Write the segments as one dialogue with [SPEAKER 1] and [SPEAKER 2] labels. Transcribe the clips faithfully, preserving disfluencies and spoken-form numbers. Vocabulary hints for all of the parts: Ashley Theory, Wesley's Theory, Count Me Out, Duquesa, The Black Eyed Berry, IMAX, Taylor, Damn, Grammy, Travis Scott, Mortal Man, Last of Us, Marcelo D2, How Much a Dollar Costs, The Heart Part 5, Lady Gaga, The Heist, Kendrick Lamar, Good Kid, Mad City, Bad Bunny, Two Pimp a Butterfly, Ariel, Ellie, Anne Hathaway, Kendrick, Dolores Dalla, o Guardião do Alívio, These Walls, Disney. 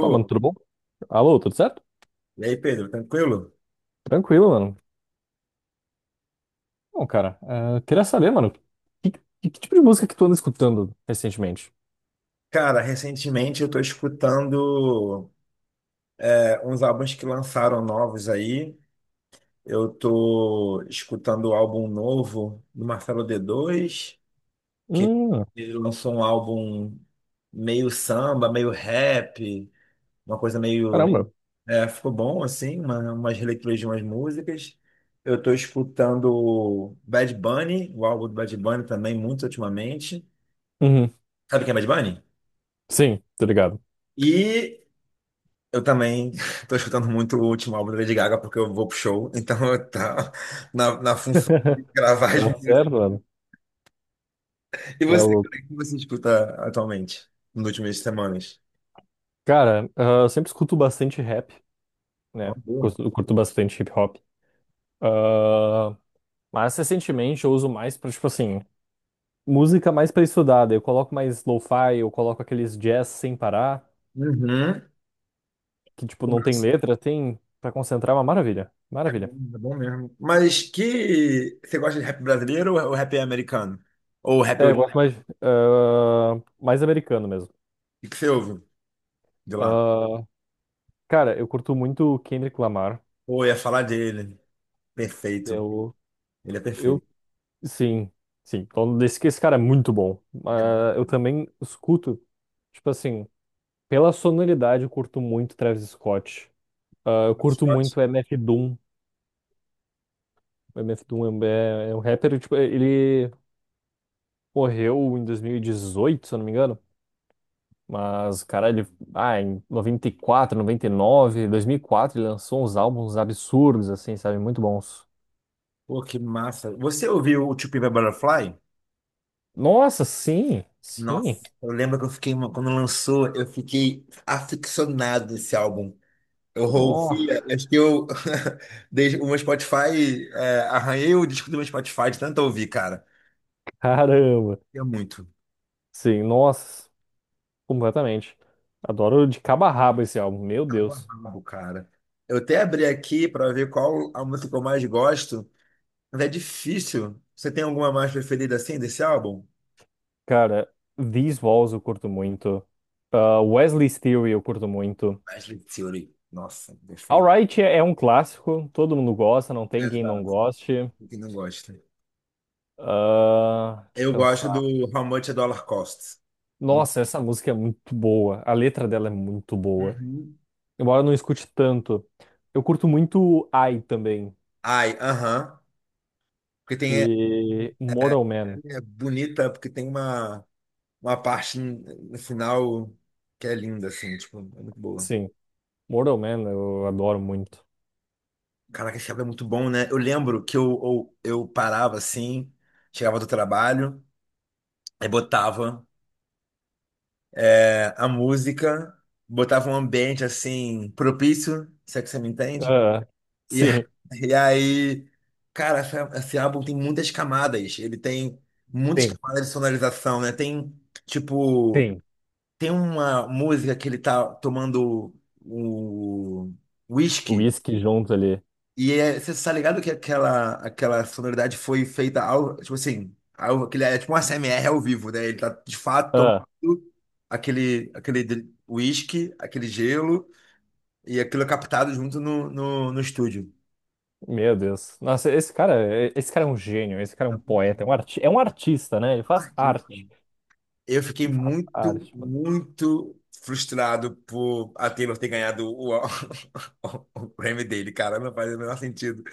[SPEAKER 1] Pô, mano, tudo bom? Alô, tudo certo?
[SPEAKER 2] E aí, Pedro, tranquilo?
[SPEAKER 1] Tranquilo, mano. Bom, cara, eh, queria saber, mano, que, que- que tipo de música que tu anda escutando recentemente?
[SPEAKER 2] Cara, recentemente eu tô escutando é, uns álbuns que lançaram novos aí. Eu tô escutando o álbum novo do Marcelo D dois, que
[SPEAKER 1] Hum,
[SPEAKER 2] ele lançou um álbum meio samba, meio rap, uma coisa meio.
[SPEAKER 1] caramba.
[SPEAKER 2] é, ficou bom, assim, uma, umas releituras de umas músicas. Eu tô escutando o Bad Bunny, o álbum do Bad Bunny também, muito ultimamente.
[SPEAKER 1] Uhum.
[SPEAKER 2] Sabe quem é Bad Bunny?
[SPEAKER 1] Sim, tô ligado.
[SPEAKER 2] E eu também tô escutando muito o último álbum da Lady Gaga porque eu vou pro show, então eu tá na, na função de gravar as
[SPEAKER 1] Tá
[SPEAKER 2] músicas.
[SPEAKER 1] certo, mano.
[SPEAKER 2] E
[SPEAKER 1] Tá
[SPEAKER 2] você,
[SPEAKER 1] louco.
[SPEAKER 2] cara, o que você escuta atualmente, nas últimas semanas?
[SPEAKER 1] Cara, ah, eu sempre escuto bastante rap,
[SPEAKER 2] É uma
[SPEAKER 1] né?
[SPEAKER 2] boa.
[SPEAKER 1] Curto, curto bastante hip hop. Ah, mas recentemente eu uso mais pra, tipo assim, música mais pra estudar. Daí eu coloco mais lo-fi, eu coloco aqueles jazz sem parar,
[SPEAKER 2] Uhum.
[SPEAKER 1] que, tipo, não tem
[SPEAKER 2] Nossa,
[SPEAKER 1] letra, tem pra concentrar. É uma maravilha.
[SPEAKER 2] é
[SPEAKER 1] Maravilha.
[SPEAKER 2] bom, é bom mesmo. Mas que você gosta de rap brasileiro ou rap americano? Ou rap
[SPEAKER 1] É,
[SPEAKER 2] o
[SPEAKER 1] eu gosto mais, ah, mais americano mesmo.
[SPEAKER 2] que você ouve de lá?
[SPEAKER 1] Ah, cara, eu curto muito o Kendrick Lamar.
[SPEAKER 2] Ou ia falar dele. Perfeito.
[SPEAKER 1] Eu,
[SPEAKER 2] Ele é
[SPEAKER 1] eu,
[SPEAKER 2] perfeito.
[SPEAKER 1] sim, sim. Então, esse, esse cara é muito bom.
[SPEAKER 2] Ele é
[SPEAKER 1] Ah,
[SPEAKER 2] muito
[SPEAKER 1] eu também escuto, tipo assim, pela sonoridade, eu curto muito Travis Scott. Ah, eu
[SPEAKER 2] muito
[SPEAKER 1] curto
[SPEAKER 2] shot.
[SPEAKER 1] muito M F Doom. O M F Doom é, um- é, é um rapper, tipo, ele morreu em dois mil e dezoito, se eu não me engano. Mas, cara, ele, ah, em noventa e quatro, noventa e nove, dois mil e quatro, ele lançou uns álbuns absurdos, assim, sabe? Muito bons.
[SPEAKER 2] Pô, que massa. Você ouviu o Two Pimp a Butterfly?
[SPEAKER 1] Nossa, sim, sim.
[SPEAKER 2] Nossa, eu lembro que eu fiquei, uma- quando lançou, eu fiquei aficionado esse álbum. Eu
[SPEAKER 1] Oh,
[SPEAKER 2] ouvia, acho que eu, desde o meu Spotify, é, arranhei o disco do meu Spotify de tanto ouvir, cara.
[SPEAKER 1] caramba.
[SPEAKER 2] É muito.
[SPEAKER 1] Sim, nossa, completamente. Adoro de cabo a rabo esse álbum, meu
[SPEAKER 2] Cabo a
[SPEAKER 1] Deus.
[SPEAKER 2] rabo, cara. Eu até abri aqui pra ver qual a música que eu mais gosto, mas é difícil. Você tem alguma mais preferida assim desse álbum?
[SPEAKER 1] Cara, These Walls eu curto muito. Ah, Wesley's Theory eu curto muito.
[SPEAKER 2] Ashley Theory. Nossa, perfeito.
[SPEAKER 1] Alright é é um clássico, todo mundo gosta, não tem quem não
[SPEAKER 2] Exato.
[SPEAKER 1] goste.
[SPEAKER 2] Quem não gosta?
[SPEAKER 1] Ah, deixa eu
[SPEAKER 2] Eu gosto
[SPEAKER 1] pensar.
[SPEAKER 2] do How Much a Dollar Costs.
[SPEAKER 1] Nossa, essa música é muito boa. A letra dela é muito boa.
[SPEAKER 2] Uhum.
[SPEAKER 1] Embora eu não escute tanto, eu curto muito I também.
[SPEAKER 2] Ai, aham. Porque tem, é,
[SPEAKER 1] E Mortal Man,
[SPEAKER 2] é bonita, porque tem uma, uma parte no final que é linda, assim, tipo, é muito boa.
[SPEAKER 1] sim. Mortal Man eu adoro muito.
[SPEAKER 2] Caraca, esse álbum é muito bom, né? Eu lembro que eu, eu, eu parava assim, chegava do trabalho, aí botava é, a música, botava um ambiente assim, propício, se é que você me entende.
[SPEAKER 1] Ah,
[SPEAKER 2] E,
[SPEAKER 1] sim,
[SPEAKER 2] e aí, cara, essa- esse álbum tem muitas camadas. Ele tem muitas
[SPEAKER 1] tem,
[SPEAKER 2] camadas de sonorização, né? Tem, tipo.
[SPEAKER 1] tem.
[SPEAKER 2] Tem uma música que ele tá tomando o whisky
[SPEAKER 1] Whisky junto ali.
[SPEAKER 2] e é, você tá ligado que aquela, aquela sonoridade foi feita ao, tipo assim, ao, aquele, é tipo um A S M R ao vivo, né? Ele tá de fato tomando
[SPEAKER 1] Ah,
[SPEAKER 2] aquele, aquele de- whisky, aquele gelo e aquilo é captado junto no, no, no estúdio.
[SPEAKER 1] meu Deus. Nossa, esse cara, é- esse cara é um gênio, esse cara é
[SPEAKER 2] É
[SPEAKER 1] um poeta, é um,
[SPEAKER 2] um
[SPEAKER 1] arti é um artista, né? Ele faz
[SPEAKER 2] artista.
[SPEAKER 1] arte.
[SPEAKER 2] Eu fiquei
[SPEAKER 1] Ele faz, uhum,
[SPEAKER 2] muito,
[SPEAKER 1] arte, mano.
[SPEAKER 2] muito frustrado por a Taylor ter ganhado o, o prêmio dele, cara. Não faz o menor sentido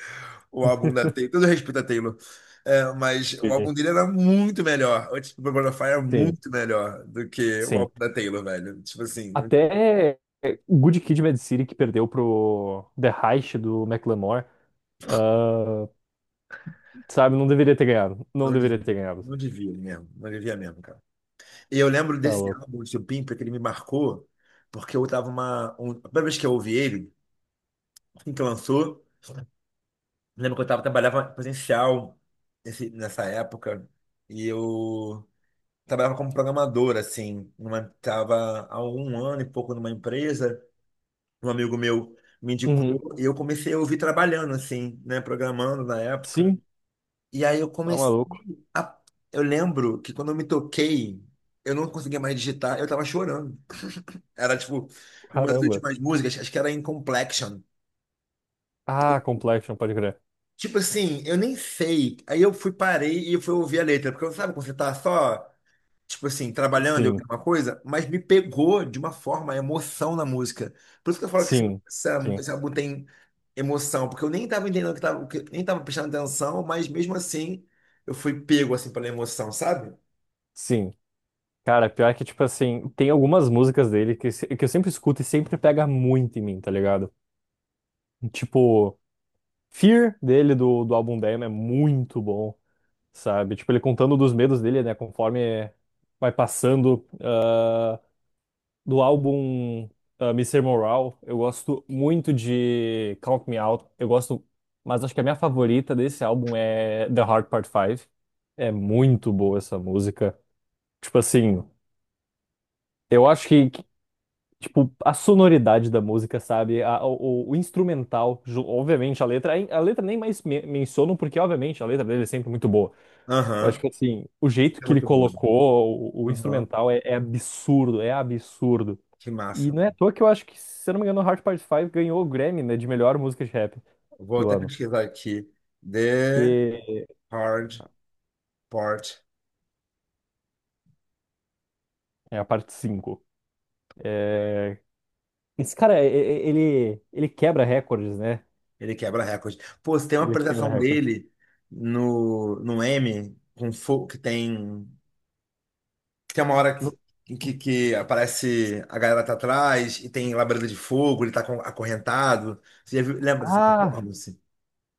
[SPEAKER 2] o álbum da Taylor. Todo respeito à Taylor. É, mas o
[SPEAKER 1] Sim,
[SPEAKER 2] álbum dele era muito melhor. O tipo, do of Fire era
[SPEAKER 1] sim,
[SPEAKER 2] muito melhor do que o
[SPEAKER 1] sim.
[SPEAKER 2] álbum da Taylor, velho. Tipo assim, não,
[SPEAKER 1] Até Good Kid, Mad City, que perdeu pro The Heist do Macklemore, ah, sabe, não deveria ter ganhado. Não
[SPEAKER 2] não
[SPEAKER 1] deveria ter
[SPEAKER 2] devia,
[SPEAKER 1] ganhado.
[SPEAKER 2] não devia mesmo. Não devia mesmo, cara. E eu lembro
[SPEAKER 1] Tá
[SPEAKER 2] desse
[SPEAKER 1] louco.
[SPEAKER 2] álbum, do Pimpa, que ele me marcou, porque eu tava uma. Um, a primeira vez que eu ouvi ele, assim que lançou. Lembro que eu tava, trabalhava presencial nesse, nessa época e eu trabalhava como programador, assim. Numa, tava há um ano e pouco numa empresa, um amigo meu me indicou
[SPEAKER 1] Uhum.
[SPEAKER 2] e eu comecei a ouvir trabalhando, assim, né, programando na época.
[SPEAKER 1] Sim,
[SPEAKER 2] E aí eu
[SPEAKER 1] tá
[SPEAKER 2] comecei
[SPEAKER 1] maluco.
[SPEAKER 2] a. Eu lembro que quando eu me toquei, eu não conseguia mais digitar, eu tava chorando. Era tipo, uma das
[SPEAKER 1] Caramba.
[SPEAKER 2] últimas músicas, acho que era In.
[SPEAKER 1] Ah, Complexion, pode crer.
[SPEAKER 2] Tipo assim, eu nem sei. Aí eu fui, parei e fui ouvir a letra. Porque sabe quando você tá só, tipo assim, trabalhando e
[SPEAKER 1] Sim,
[SPEAKER 2] ouvindo uma coisa, mas me pegou de uma forma, a emoção na música. Por isso que eu falo que esse,
[SPEAKER 1] sim,
[SPEAKER 2] essa-
[SPEAKER 1] sim,
[SPEAKER 2] esse álbum tem emoção, porque eu nem tava entendendo o que tava, o que- nem tava prestando atenção, mas mesmo assim eu fui pego assim pela emoção, sabe?
[SPEAKER 1] sim. Cara, pior que, tipo assim, tem algumas músicas dele que, se- que eu sempre escuto e sempre pega muito em mim, tá ligado? Tipo, Fear dele do, do álbum Damn é muito bom, sabe? Tipo, ele contando dos medos dele, né? Conforme vai passando ah, do álbum ah, mister Moral, eu gosto muito de Count Me Out. Eu gosto, mas acho que a minha favorita desse álbum é The Heart Part cinco. É muito boa essa música. Tipo assim, eu acho que, que, tipo, a sonoridade da música, sabe? A- o, o instrumental, ju- obviamente, a letra, a letra nem mais me menciono, porque, obviamente, a letra dele é sempre muito boa. Eu acho
[SPEAKER 2] Aham.
[SPEAKER 1] que assim, o jeito
[SPEAKER 2] É
[SPEAKER 1] que ele
[SPEAKER 2] muito bom.
[SPEAKER 1] colocou o, o
[SPEAKER 2] Aham.
[SPEAKER 1] instrumental é, é absurdo, é absurdo.
[SPEAKER 2] Que
[SPEAKER 1] E
[SPEAKER 2] massa.
[SPEAKER 1] não é à toa que eu acho que, se eu não me engano, o Hard Part cinco ganhou o Grammy, né, de melhor música de rap
[SPEAKER 2] Vou
[SPEAKER 1] do
[SPEAKER 2] até
[SPEAKER 1] ano.
[SPEAKER 2] pesquisar aqui. The
[SPEAKER 1] Que
[SPEAKER 2] Hard Part.
[SPEAKER 1] é a parte cinco. É. Esse cara, e- e- ele, ele quebra recordes, né?
[SPEAKER 2] Ele quebra recorde. Pô, se tem uma
[SPEAKER 1] Ele quebra
[SPEAKER 2] apresentação
[SPEAKER 1] recordes.
[SPEAKER 2] dele no, no, M, com fogo que tem. Que tem uma hora
[SPEAKER 1] No-
[SPEAKER 2] que, que, que aparece a galera tá atrás e tem labareda de fogo, ele tá com- acorrentado. Você já viu? Lembra dessa
[SPEAKER 1] Ah,
[SPEAKER 2] performance?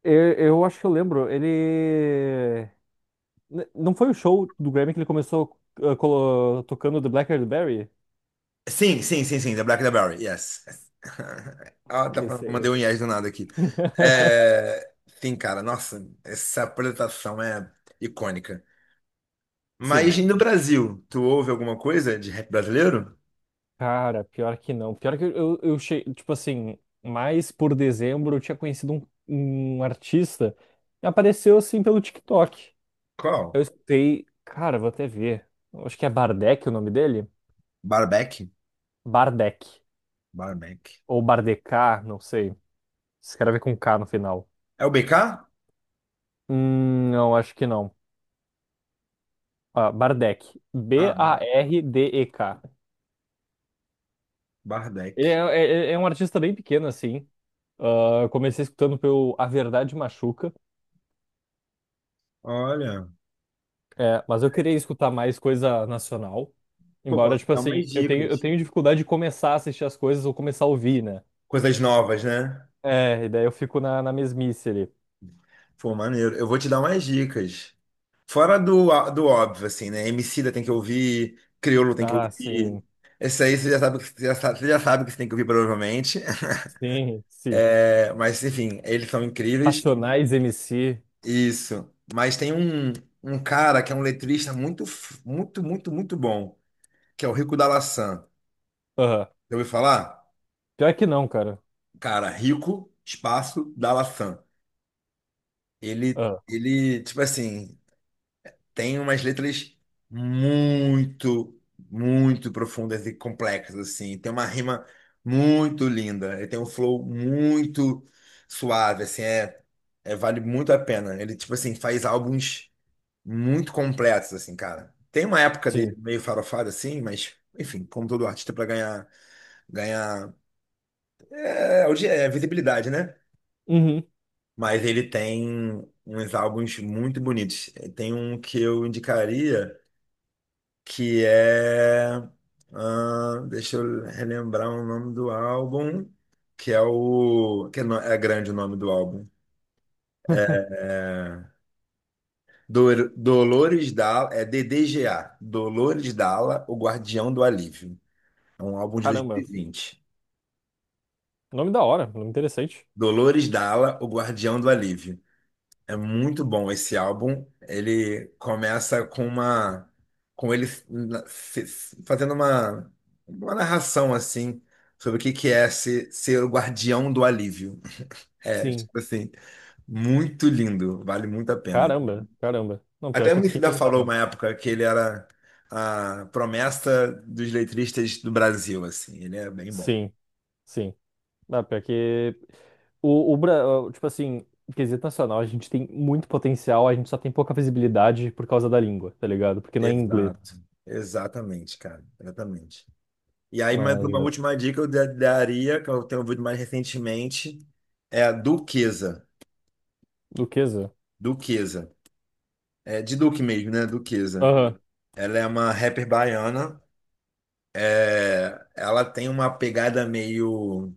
[SPEAKER 1] eu, eu acho que eu lembro. Ele. N- Não foi o show do Grammy que ele começou uh, colo- tocando The Black Eyed Berry?
[SPEAKER 2] Sim, sim, sim, sim, The Black and the Berry, yes. Ah, tá,
[SPEAKER 1] Esse,
[SPEAKER 2] mandei um
[SPEAKER 1] esse.
[SPEAKER 2] yes do nada aqui. É, sim, cara, nossa, essa apresentação é icônica.
[SPEAKER 1] Sim.
[SPEAKER 2] Mas e no Brasil, tu ouve alguma coisa de rap brasileiro?
[SPEAKER 1] Cara, pior que não. Pior que eu, eu cheguei, tipo assim, mais por dezembro eu tinha conhecido um, um artista que apareceu assim pelo TikTok.
[SPEAKER 2] Qual?
[SPEAKER 1] Eu escutei, cara, vou até ver. Eu acho que é Bardec o nome dele?
[SPEAKER 2] Barback?
[SPEAKER 1] Bardec.
[SPEAKER 2] Barbeck.
[SPEAKER 1] Ou Bardecá, não sei. Escreve com K no final.
[SPEAKER 2] É o B K?
[SPEAKER 1] Hum, não, acho que não. Ah, Bardec.
[SPEAKER 2] Ah, Bar-
[SPEAKER 1] B A R D E K. Ele é,
[SPEAKER 2] Bardec.
[SPEAKER 1] é- é um artista bem pequeno, assim. Ah, eu comecei escutando pelo A Verdade Machuca.
[SPEAKER 2] Olha,
[SPEAKER 1] É, mas eu queria escutar mais coisa nacional.
[SPEAKER 2] pô,
[SPEAKER 1] Embora,
[SPEAKER 2] posso te
[SPEAKER 1] tipo
[SPEAKER 2] dar
[SPEAKER 1] assim,
[SPEAKER 2] umas
[SPEAKER 1] eu tenho, eu
[SPEAKER 2] dicas.
[SPEAKER 1] tenho dificuldade de começar a assistir as coisas ou começar a ouvir, né?
[SPEAKER 2] Coisas novas, né?
[SPEAKER 1] É, e daí eu fico na, na mesmice ali.
[SPEAKER 2] Pô, maneiro. Eu vou te dar umas dicas. Fora do, do óbvio, assim, né? Emicida tem que ouvir, Criolo tem que
[SPEAKER 1] Ah,
[SPEAKER 2] ouvir.
[SPEAKER 1] sim,
[SPEAKER 2] Esse aí você já sabe, que- você já sabe, você já sabe que você tem que ouvir, provavelmente.
[SPEAKER 1] sim, sim.
[SPEAKER 2] É, mas, enfim, eles são incríveis.
[SPEAKER 1] Racionais M C.
[SPEAKER 2] Isso. Mas tem um, um cara que é um letrista muito, f- muito, muito, muito bom, que é o Rico da Laçã.
[SPEAKER 1] Aham.
[SPEAKER 2] Já ouviu falar?
[SPEAKER 1] Pior que não, cara.
[SPEAKER 2] Cara, rico, espaço, da. Ele,
[SPEAKER 1] Aham.
[SPEAKER 2] ele, tipo assim, tem umas letras muito, muito profundas e complexas, assim. Tem uma rima muito linda. Ele tem um flow muito suave, assim. É, é- vale muito a pena. Ele, tipo assim, faz álbuns muito completos, assim, cara. Tem uma época dele
[SPEAKER 1] Sim.
[SPEAKER 2] meio farofada, assim, mas, enfim, como todo artista, para ganhar, ganhar é, hoje é visibilidade, né?
[SPEAKER 1] Uhum.
[SPEAKER 2] Mas ele tem uns álbuns muito bonitos. Tem um que eu indicaria que é. Ah, deixa eu relembrar o nome do álbum, que é o. Que é, no- é grande o nome do álbum. É Dor- Dolores Dalla, é D D G A, Dolores Dalla, o Guardião do Alívio. É um álbum de dois mil
[SPEAKER 1] Caramba.
[SPEAKER 2] e vinte.
[SPEAKER 1] Nome da hora, nome interessante.
[SPEAKER 2] Dolores Dalla, o Guardião do Alívio. É muito bom esse álbum. Ele começa com uma, com ele na- se- se- fazendo uma, uma narração assim sobre o que que é ser, ser o guardião do alívio. É,
[SPEAKER 1] Sim.
[SPEAKER 2] tipo assim, muito lindo, vale muito a pena.
[SPEAKER 1] Caramba, caramba. Não, pior
[SPEAKER 2] Até o
[SPEAKER 1] que fiquei
[SPEAKER 2] Emicida
[SPEAKER 1] encantado,
[SPEAKER 2] falou uma
[SPEAKER 1] mano.
[SPEAKER 2] época que ele era a promessa dos letristas do Brasil, assim. Ele é bem bom.
[SPEAKER 1] Sim, sim. Não, pior que o, o Bra- o- tipo assim, em quesito nacional, a gente tem muito potencial, a gente só tem pouca visibilidade por causa da língua, tá ligado? Porque não é inglês.
[SPEAKER 2] Exato, exatamente, cara, exatamente. E aí, mais
[SPEAKER 1] Mas
[SPEAKER 2] uma
[SPEAKER 1] é,
[SPEAKER 2] última dica eu da- daria, que eu tenho ouvido mais recentemente, é a Duquesa.
[SPEAKER 1] Duquesa?
[SPEAKER 2] Duquesa. É de Duque mesmo, né? Duquesa.
[SPEAKER 1] Aham.
[SPEAKER 2] Ela é uma rapper baiana. é, Ela tem uma pegada meio.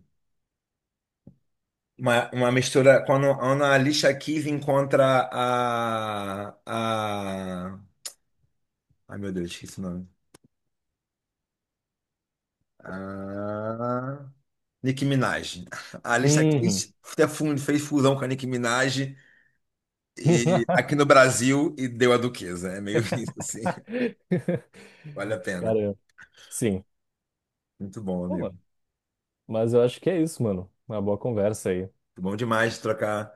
[SPEAKER 2] Uma, uma mistura. Quando, quando a Alicia Keys encontra a. a ai, meu Deus, esqueci o nome. A. Nicki Minaj. A Alicia
[SPEAKER 1] Uhum.
[SPEAKER 2] Keys até fun- fez fusão com a Nicki Minaj. E aqui no Brasil, e deu a Duquesa. É meio isso, assim. Vale a pena.
[SPEAKER 1] Cara, sim.
[SPEAKER 2] Muito bom,
[SPEAKER 1] Bom,
[SPEAKER 2] amigo.
[SPEAKER 1] mano. Mas eu acho que é isso, mano. Uma boa conversa aí.
[SPEAKER 2] Muito bom demais trocar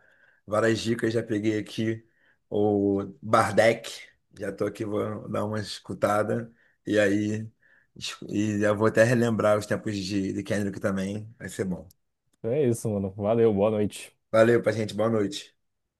[SPEAKER 2] várias dicas. Já peguei aqui o Bardec. Já tô aqui, vou dar uma escutada. E aí, es- e eu vou até relembrar os tempos de, de Kendrick também. Vai ser bom.
[SPEAKER 1] Então é isso, mano. Valeu, boa noite.
[SPEAKER 2] Valeu, paciente. Boa noite.